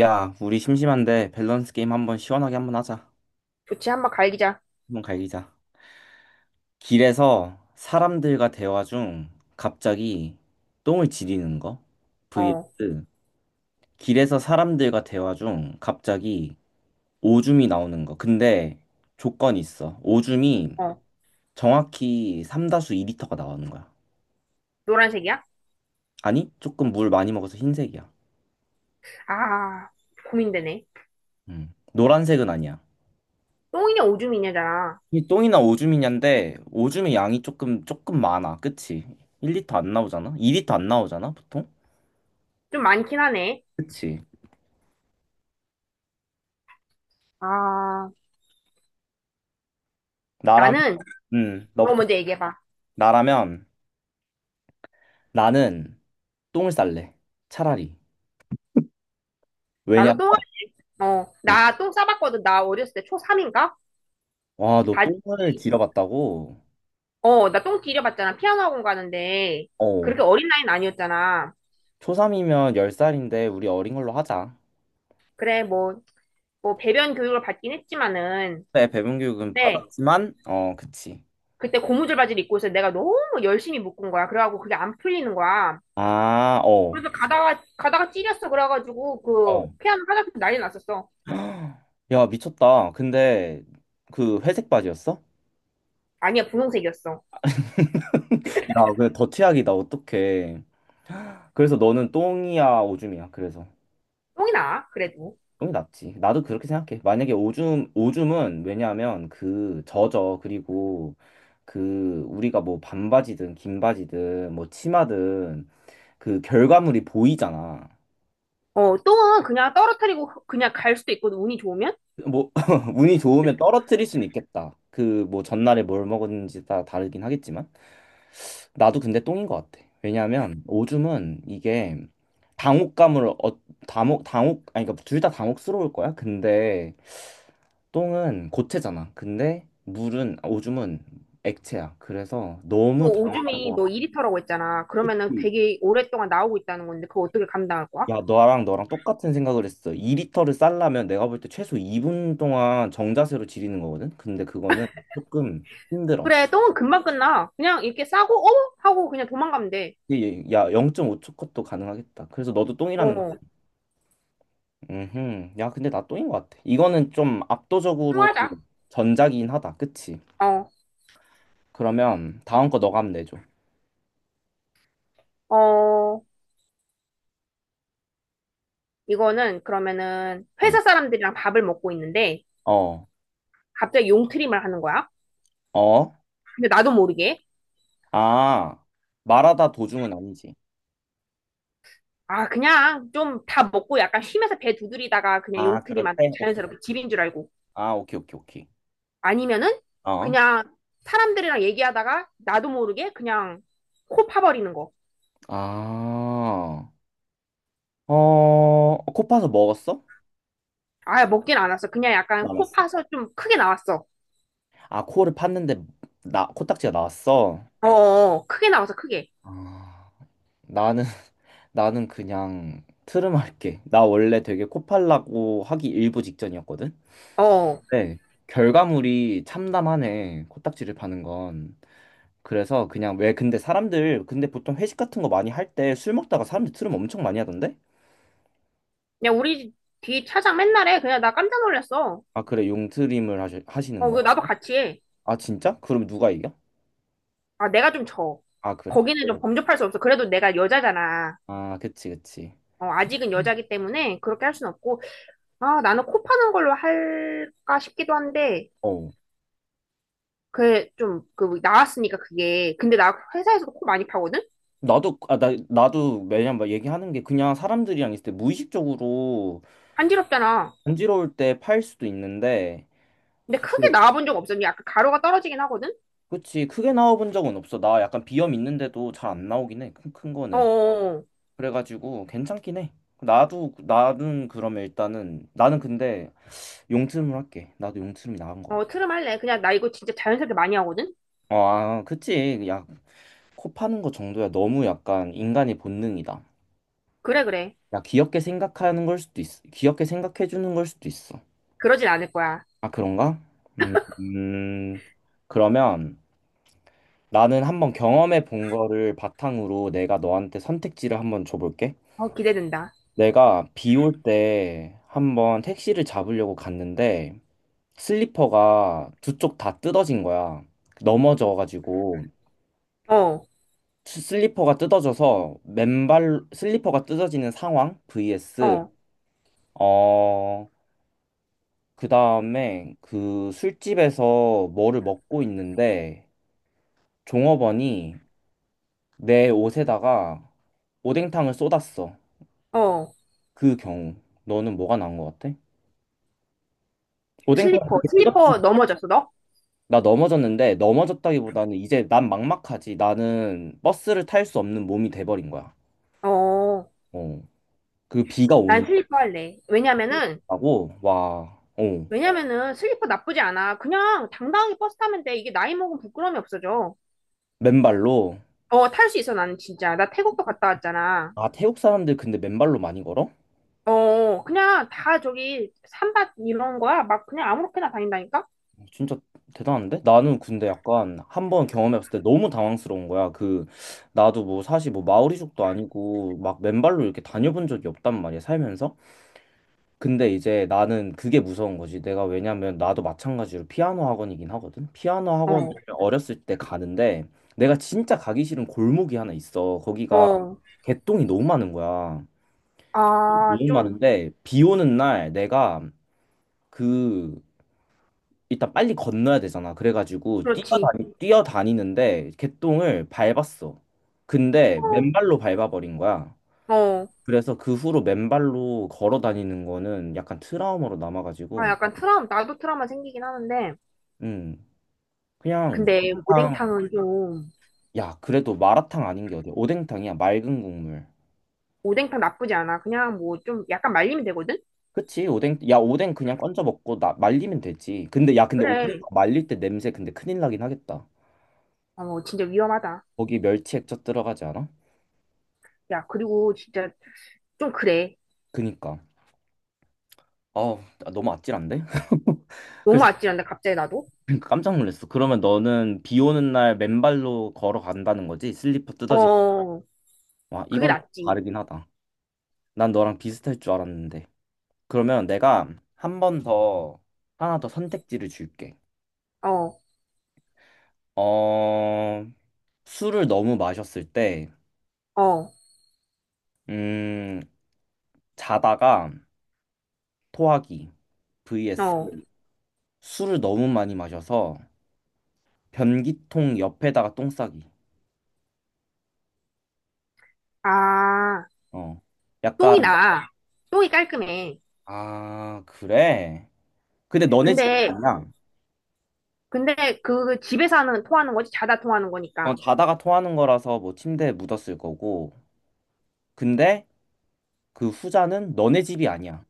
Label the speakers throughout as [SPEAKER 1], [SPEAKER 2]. [SPEAKER 1] 야, 우리 심심한데 밸런스 게임 한번 시원하게 한번 하자.
[SPEAKER 2] 좋지, 한번 갈기자.
[SPEAKER 1] 한번 갈기자. 길에서 사람들과 대화 중 갑자기 똥을 지리는 거 vs
[SPEAKER 2] 어,
[SPEAKER 1] 길에서 사람들과 대화 중 갑자기 오줌이 나오는 거. 근데 조건이 있어. 오줌이
[SPEAKER 2] 어.
[SPEAKER 1] 정확히 삼다수 2리터가 나오는 거야.
[SPEAKER 2] 노란색이야?
[SPEAKER 1] 아니, 조금 물 많이 먹어서 흰색이야.
[SPEAKER 2] 아, 고민되네.
[SPEAKER 1] 음. 노란색은 아니야.
[SPEAKER 2] 똥이냐, 오줌이냐잖아.
[SPEAKER 1] 이 똥이나 오줌이냐인데 오줌의 양이 조금 많아. 그치? 1리터 안 나오잖아? 2리터 안 나오잖아, 보통?
[SPEAKER 2] 좀 많긴 하네.
[SPEAKER 1] 그치?
[SPEAKER 2] 아,
[SPEAKER 1] 나라면
[SPEAKER 2] 나는, 너
[SPEAKER 1] 너부터.
[SPEAKER 2] 먼저 얘기해봐.
[SPEAKER 1] 나라면 나는 똥을 쌀래. 차라리.
[SPEAKER 2] 나도
[SPEAKER 1] 왜냐면
[SPEAKER 2] 똥, 어, 나 똥 싸봤거든. 나 어렸을 때 초3인가?
[SPEAKER 1] 와, 너
[SPEAKER 2] 바지,
[SPEAKER 1] 똥을 길어봤다고?
[SPEAKER 2] 어, 나 똥 길여봤잖아. 피아노 학원 가는데.
[SPEAKER 1] 어.
[SPEAKER 2] 그렇게 어린 나이는 아니었잖아.
[SPEAKER 1] 초3이면 10살인데 우리 어린 걸로 하자.
[SPEAKER 2] 그래, 뭐, 배변 교육을 받긴 했지만은.
[SPEAKER 1] 네, 배분 교육은
[SPEAKER 2] 근데,
[SPEAKER 1] 받았지만 그치.
[SPEAKER 2] 그때 고무줄 바지를 입고 있어. 내가 너무 열심히 묶은 거야. 그래갖고 그게 안 풀리는 거야.
[SPEAKER 1] 아, 어.
[SPEAKER 2] 가다가 가다가 찔렸어. 그래가지고 그
[SPEAKER 1] 어.
[SPEAKER 2] 피하는 화장품 난리 났었어.
[SPEAKER 1] 야, 미쳤다. 근데 그 회색 바지였어?
[SPEAKER 2] 아니야, 분홍색이었어.
[SPEAKER 1] 야, 그 더티하기다 어떡해. 그래서 너는 똥이야, 오줌이야. 그래서
[SPEAKER 2] 똥이 나, 그래도.
[SPEAKER 1] 똥이 낫지. 나도 그렇게 생각해. 만약에 오줌은 왜냐하면 그 젖어. 그리고 그 우리가 뭐 반바지든 긴 바지든 뭐 치마든 그 결과물이 보이잖아.
[SPEAKER 2] 어, 똥은 그냥 떨어뜨리고 그냥 갈 수도 있거든, 운이 좋으면.
[SPEAKER 1] 뭐 운이 좋으면 떨어뜨릴 수는 있겠다. 그 뭐 전날에 뭘 먹었는지 다 다르긴 하겠지만 나도 근데 똥인 것 같아. 왜냐하면 오줌은 이게 당혹감을 어, 당혹 당혹 아니 그러니까 둘 다 당혹스러울 거야. 근데 똥은 고체잖아. 근데 오줌은 액체야. 그래서 너무
[SPEAKER 2] 또
[SPEAKER 1] 당황한
[SPEAKER 2] 오줌이
[SPEAKER 1] 거야.
[SPEAKER 2] 너 2리터라고 했잖아. 그러면은
[SPEAKER 1] 그치.
[SPEAKER 2] 되게 오랫동안 나오고 있다는 건데 그거 어떻게 감당할 거야?
[SPEAKER 1] 야, 너랑 똑같은 생각을 했어. 2리터를 쌀려면 내가 볼 때 최소 2분 동안 정자세로 지리는 거거든. 근데 그거는 조금 힘들어.
[SPEAKER 2] 그래, 똥은 금방 끝나. 그냥 이렇게 싸고 어 하고 그냥 도망가면 돼.
[SPEAKER 1] 이 야, 0.5초 컷도 가능하겠다. 그래서 너도 똥이라는
[SPEAKER 2] 어,
[SPEAKER 1] 거지. 야, 근데 나 똥인 것 같아. 이거는 좀 압도적으로
[SPEAKER 2] 통하자.
[SPEAKER 1] 전작이긴 하다. 그치?
[SPEAKER 2] 어.
[SPEAKER 1] 그러면 다음 거 너가 한번 내줘.
[SPEAKER 2] 어, 이거는 그러면은
[SPEAKER 1] 어,
[SPEAKER 2] 회사 사람들이랑 밥을 먹고 있는데
[SPEAKER 1] 어,
[SPEAKER 2] 갑자기 용트림을 하는 거야.
[SPEAKER 1] 어?
[SPEAKER 2] 근데 나도 모르게.
[SPEAKER 1] 아, 말하다 도중은 아니지.
[SPEAKER 2] 아, 그냥 좀 다 먹고 약간 쉬면서 배 두드리다가 그냥
[SPEAKER 1] 아, 그럴
[SPEAKER 2] 용트리만 하고
[SPEAKER 1] 때? 오케이.
[SPEAKER 2] 자연스럽게 집인 줄 알고.
[SPEAKER 1] 아, 오케이, 오케이, 오케이.
[SPEAKER 2] 아니면은
[SPEAKER 1] 어?
[SPEAKER 2] 그냥 사람들이랑 얘기하다가 나도 모르게 그냥 코 파버리는 거.
[SPEAKER 1] 아, 어, 코 파서 먹었어?
[SPEAKER 2] 아, 먹진 않았어. 그냥 약간 코
[SPEAKER 1] 남았어.
[SPEAKER 2] 파서 좀 크게 나왔어.
[SPEAKER 1] 아, 코를 팠는데, 코딱지가 나왔어?
[SPEAKER 2] 어어, 크게 나왔어, 크게.
[SPEAKER 1] 아, 나는, 나는 그냥 트름할게. 나 원래 되게 코 팔라고 하기 일부 직전이었거든?
[SPEAKER 2] 어, 어.
[SPEAKER 1] 네. 결과물이 참담하네. 코딱지를 파는 건. 그래서 그냥 왜 근데 사람들 근데 보통 회식 같은 거 많이 할 때 술 먹다가 사람들 트름 엄청 많이 하던데?
[SPEAKER 2] 그냥 우리 뒤 차장 맨날 해. 그냥 나 깜짝 놀랐어.
[SPEAKER 1] 아, 그래. 용트림을 하시는
[SPEAKER 2] 어,
[SPEAKER 1] 거야?
[SPEAKER 2] 그 나도 같이 해.
[SPEAKER 1] 아, 진짜? 그럼 누가 이겨?
[SPEAKER 2] 아, 내가 좀 져.
[SPEAKER 1] 아, 그래?
[SPEAKER 2] 거기는
[SPEAKER 1] 네.
[SPEAKER 2] 좀 범접할 수 없어. 그래도 내가 여자잖아.
[SPEAKER 1] 아, 그치, 그치.
[SPEAKER 2] 어, 아직은 여자기 때문에 그렇게 할 순 없고. 아, 나는 코 파는 걸로 할까 싶기도 한데,
[SPEAKER 1] 어.
[SPEAKER 2] 그, 좀, 그, 나왔으니까 그게. 근데 나 회사에서도 코 많이 파거든?
[SPEAKER 1] 나도 매년 막 얘기하는 게 그냥 사람들이랑 있을 때 무의식적으로
[SPEAKER 2] 간지럽잖아.
[SPEAKER 1] 간지러울 때 팔 수도 있는데,
[SPEAKER 2] 근데
[SPEAKER 1] 그,
[SPEAKER 2] 크게 나와본 적 없어. 약간 가루가 떨어지긴 하거든?
[SPEAKER 1] 그치. 크게 나와본 적은 없어. 나 약간 비염 있는데도 잘 안 나오긴 해. 큰 거는.
[SPEAKER 2] 어어.
[SPEAKER 1] 그래가지고 괜찮긴 해. 나는 그러면 일단은, 나는 근데 용트림을 할게. 나도 용트림이 나은 것
[SPEAKER 2] 어,
[SPEAKER 1] 같아.
[SPEAKER 2] 어, 트름 할래. 그냥 나 이거 진짜 자연스럽게 많이 하거든?
[SPEAKER 1] 어, 아, 그치. 야, 코 파는 거 정도야 너무 약간 인간의 본능이다.
[SPEAKER 2] 그래, 그래.
[SPEAKER 1] 야, 귀엽게 생각하는 걸 수도 있어. 귀엽게 생각해 주는 걸 수도 있어.
[SPEAKER 2] 그러진 않을 거야.
[SPEAKER 1] 아, 그런가? 음, 음, 그러면 나는 한번 경험해 본 거를 바탕으로 내가 너한테 선택지를 한번 줘볼게.
[SPEAKER 2] 어, 기대된다.
[SPEAKER 1] 내가 비 올 때 한번 택시를 잡으려고 갔는데 슬리퍼가 두 쪽 다 뜯어진 거야. 넘어져가지고
[SPEAKER 2] 어,
[SPEAKER 1] 슬리퍼가 뜯어져서 맨발 슬리퍼가 뜯어지는 상황 vs
[SPEAKER 2] 어,
[SPEAKER 1] 어, 그 다음에 그 술집에서 뭐를 먹고 있는데 종업원이 내 옷에다가 오뎅탕을 쏟았어.
[SPEAKER 2] 어.
[SPEAKER 1] 그 경우. 너는 뭐가 나은 것 같아? 오뎅탕
[SPEAKER 2] 슬리퍼,
[SPEAKER 1] 그렇게 뜨겁지?
[SPEAKER 2] 슬리퍼 넘어졌어, 너?
[SPEAKER 1] 나 넘어졌는데 넘어졌다기보다는 이제 난 막막하지. 나는 버스를 탈 수 없는 몸이 돼버린 거야.
[SPEAKER 2] 어,
[SPEAKER 1] 어. 그 비가
[SPEAKER 2] 난
[SPEAKER 1] 오는
[SPEAKER 2] 슬리퍼 할래. 왜냐면은,
[SPEAKER 1] 다고 와. 어.
[SPEAKER 2] 왜냐면은 슬리퍼 나쁘지 않아. 그냥 당당하게 버스 타면 돼. 이게 나이 먹으면 부끄러움이 없어져.
[SPEAKER 1] 맨발로.
[SPEAKER 2] 어, 탈 수 있어, 나는 진짜. 나 태국도 갔다 왔잖아.
[SPEAKER 1] 아, 태국 사람들 근데 맨발로 많이 걸어?
[SPEAKER 2] 어, 그냥 다 저기 산밭 이런 거야. 막 그냥 아무렇게나 다닌다니까?
[SPEAKER 1] 어, 진짜 대단한데? 나는 근데 약간 한번 경험해봤을 때 너무 당황스러운 거야. 그 나도 뭐 사실 뭐 마오리족도 아니고 막 맨발로 이렇게 다녀본 적이 없단 말이야 살면서. 근데 이제 나는 그게 무서운 거지. 내가 왜냐면 나도 마찬가지로 피아노 학원이긴 하거든. 피아노 학원을
[SPEAKER 2] 어,
[SPEAKER 1] 어렸을 때 가는데 내가 진짜 가기 싫은 골목이 하나 있어. 거기가
[SPEAKER 2] 어.
[SPEAKER 1] 개똥이 너무 많은 거야.
[SPEAKER 2] 아,
[SPEAKER 1] 너무
[SPEAKER 2] 좀,
[SPEAKER 1] 많은데 비 오는 날 내가 그 일단 빨리 건너야 되잖아. 그래가지고
[SPEAKER 2] 그렇지.
[SPEAKER 1] 뛰어다니는데 개똥을 밟았어. 근데 맨발로 밟아버린 거야.
[SPEAKER 2] 어, 어.
[SPEAKER 1] 그래서 그 후로 맨발로 걸어 다니는 거는 약간 트라우마로
[SPEAKER 2] 아,
[SPEAKER 1] 남아가지고,
[SPEAKER 2] 약간 트라우마, 나도 트라우마 생기긴 하는데.
[SPEAKER 1] 음, 그냥
[SPEAKER 2] 근데
[SPEAKER 1] 오뎅탕,
[SPEAKER 2] 오뎅탕은 좀,
[SPEAKER 1] 야, 그래도 마라탕 아닌 게 어디야? 오뎅탕이야, 맑은 국물.
[SPEAKER 2] 오뎅탕 나쁘지 않아. 그냥 뭐 좀 약간 말리면 되거든?
[SPEAKER 1] 그치, 오뎅, 야, 오뎅 그냥 건져 먹고 나, 말리면 되지. 근데, 야, 근데 오뎅
[SPEAKER 2] 그래.
[SPEAKER 1] 말릴 때 냄새 근데 큰일 나긴 하겠다.
[SPEAKER 2] 어, 진짜 위험하다.
[SPEAKER 1] 거기 멸치 액젓 들어가지 않아?
[SPEAKER 2] 야, 그리고 진짜 좀 그래.
[SPEAKER 1] 그니까. 어, 아, 너무 아찔한데?
[SPEAKER 2] 너무
[SPEAKER 1] 그래서
[SPEAKER 2] 아찔한데, 갑자기 나도?
[SPEAKER 1] 깜짝 놀랐어. 그러면 너는 비 오는 날 맨발로 걸어간다는 거지? 슬리퍼 뜯어진.
[SPEAKER 2] 어,
[SPEAKER 1] 와,
[SPEAKER 2] 그게
[SPEAKER 1] 이건
[SPEAKER 2] 낫지.
[SPEAKER 1] 다르긴 하다. 난 너랑 비슷할 줄 알았는데. 그러면 내가 한 번 더, 하나 더 선택지를 줄게.
[SPEAKER 2] 어,
[SPEAKER 1] 어, 술을 너무 마셨을 때,
[SPEAKER 2] 어,
[SPEAKER 1] 음, 자다가 토하기 vs
[SPEAKER 2] 어.
[SPEAKER 1] 술을 너무 많이 마셔서 변기통 옆에다가 똥 싸기.
[SPEAKER 2] 아.
[SPEAKER 1] 어.
[SPEAKER 2] 똥이
[SPEAKER 1] 약간
[SPEAKER 2] 나. 똥이 깔끔해.
[SPEAKER 1] 아, 그래? 근데 너네 집이
[SPEAKER 2] 근데,
[SPEAKER 1] 아니야.
[SPEAKER 2] 근데 그 집에서 하는, 토하는 거지? 자다 토하는
[SPEAKER 1] 어,
[SPEAKER 2] 거니까.
[SPEAKER 1] 자다가 토하는 거라서 뭐 침대에 묻었을 거고. 근데 그 후자는 너네 집이 아니야.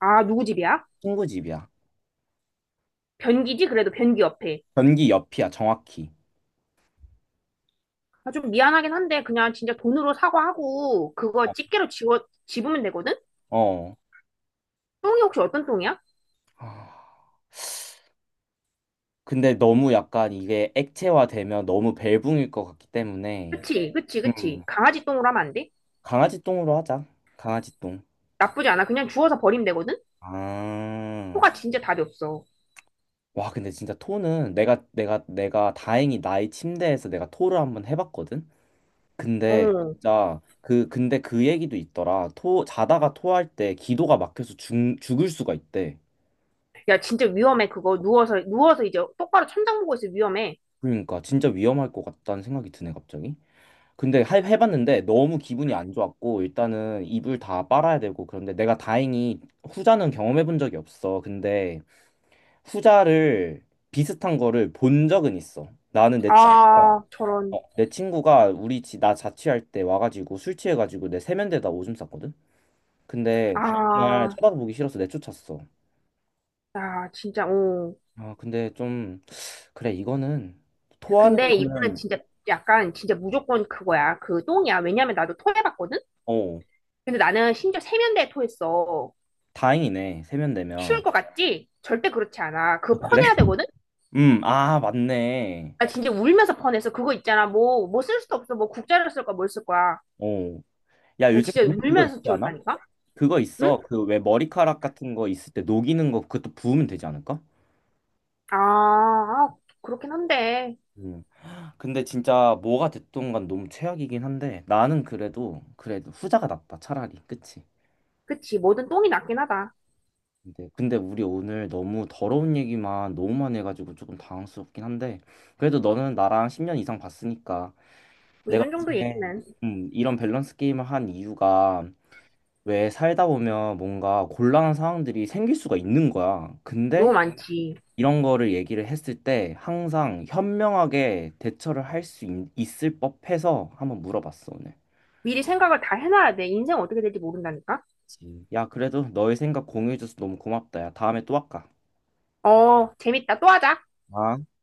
[SPEAKER 2] 아, 누구 집이야?
[SPEAKER 1] 친구 집이야.
[SPEAKER 2] 변기지? 그래도 변기 옆에.
[SPEAKER 1] 변기 옆이야, 정확히.
[SPEAKER 2] 아, 좀 미안하긴 한데, 그냥 진짜 돈으로 사과하고,
[SPEAKER 1] 어.
[SPEAKER 2] 그거 집게로 집어, 집으면 되거든?
[SPEAKER 1] 어.
[SPEAKER 2] 똥이 혹시 어떤 똥이야?
[SPEAKER 1] 아, 근데 너무 약간 이게 액체화되면 너무 벨붕일 것 같기 때문에.
[SPEAKER 2] 그치, 그치, 그치.
[SPEAKER 1] 음.
[SPEAKER 2] 강아지 똥으로 하면 안 돼?
[SPEAKER 1] 강아지 똥으로 하자. 강아지 똥.
[SPEAKER 2] 나쁘지 않아. 그냥 주워서 버리면 되거든?
[SPEAKER 1] 아.
[SPEAKER 2] 토가 진짜 답이 없어.
[SPEAKER 1] 와, 근데 진짜 토는 내가 다행히 나의 침대에서 내가 토를 한번 해봤거든. 근데
[SPEAKER 2] 어.
[SPEAKER 1] 진짜 그 근데 그 얘기도 있더라. 토 자다가 토할 때 기도가 막혀서 죽을 수가 있대.
[SPEAKER 2] 야, 진짜 위험해, 그거. 누워서, 누워서 이제 똑바로 천장 보고 있어, 위험해.
[SPEAKER 1] 그러니까 진짜 위험할 것 같다는 생각이 드네 갑자기. 근데 해봤는데 너무 기분이 안 좋았고 일단은 이불 다 빨아야 되고 그런데 내가 다행히 후자는 경험해 본 적이 없어. 근데 후자를 비슷한 거를 본 적은 있어. 나는 내 친구가
[SPEAKER 2] 아, 저런.
[SPEAKER 1] 어, 내 친구가 우리 집 나 자취할 때 와가지고 술 취해가지고 내 세면대에다 오줌 쌌거든. 근데 다음 날
[SPEAKER 2] 아,
[SPEAKER 1] 쳐다보기 싫어서 내쫓았어.
[SPEAKER 2] 야, 진짜, 어.
[SPEAKER 1] 아, 근데 좀 그래 이거는 토하는
[SPEAKER 2] 근데 이거는
[SPEAKER 1] 거는
[SPEAKER 2] 진짜 약간 진짜 무조건 그거야. 그 똥이야. 왜냐면 나도 토해봤거든?
[SPEAKER 1] 어
[SPEAKER 2] 근데 나는 심지어 세면대에 토했어.
[SPEAKER 1] 다행이네 세면되면
[SPEAKER 2] 쉬울 것 같지? 절대 그렇지 않아.
[SPEAKER 1] 아,
[SPEAKER 2] 그거
[SPEAKER 1] 그래?
[SPEAKER 2] 퍼내야 되거든?
[SPEAKER 1] 아 맞네.
[SPEAKER 2] 나 진짜 울면서 퍼냈어. 그거 있잖아. 뭐, 뭐 쓸 수도 없어. 뭐 국자를 쓸 거야. 뭘 쓸 거야.
[SPEAKER 1] 어, 야
[SPEAKER 2] 나
[SPEAKER 1] 요즘
[SPEAKER 2] 진짜
[SPEAKER 1] 근데 그거 있지
[SPEAKER 2] 울면서
[SPEAKER 1] 않아?
[SPEAKER 2] 치웠다니까?
[SPEAKER 1] 그거
[SPEAKER 2] 응?
[SPEAKER 1] 있어. 그 왜 머리카락 같은 거 있을 때 녹이는 거 그것도 부으면 되지 않을까?
[SPEAKER 2] 아, 아, 그렇긴 한데.
[SPEAKER 1] 음. 근데 진짜 뭐가 됐든 간 너무 최악이긴 한데 나는 그래도 후자가 낫다 차라리 그치?
[SPEAKER 2] 그치. 뭐든 똥이 낫긴 하다.
[SPEAKER 1] 근데 우리 오늘 너무 더러운 얘기만 너무만 해가지고 조금 당황스럽긴 한데 그래도 너는 나랑 10년 이상 봤으니까
[SPEAKER 2] 뭐
[SPEAKER 1] 내가
[SPEAKER 2] 이런 정도 얘기는
[SPEAKER 1] 요즘에 이런 밸런스 게임을 한 이유가 왜 살다 보면 뭔가 곤란한 상황들이 생길 수가 있는 거야.
[SPEAKER 2] 너무
[SPEAKER 1] 근데
[SPEAKER 2] 많지.
[SPEAKER 1] 이런 거를 얘기를 했을 때 항상 현명하게 대처를 할 수 있을 법해서 한번 물어봤어 오늘.
[SPEAKER 2] 미리 생각을 다 해놔야 돼. 인생 어떻게 될지 모른다니까?
[SPEAKER 1] 그치. 야, 그래도 너의 생각 공유해줘서 너무 고맙다. 야, 다음에 또 할까?
[SPEAKER 2] 어, 재밌다. 또 하자.
[SPEAKER 1] 아.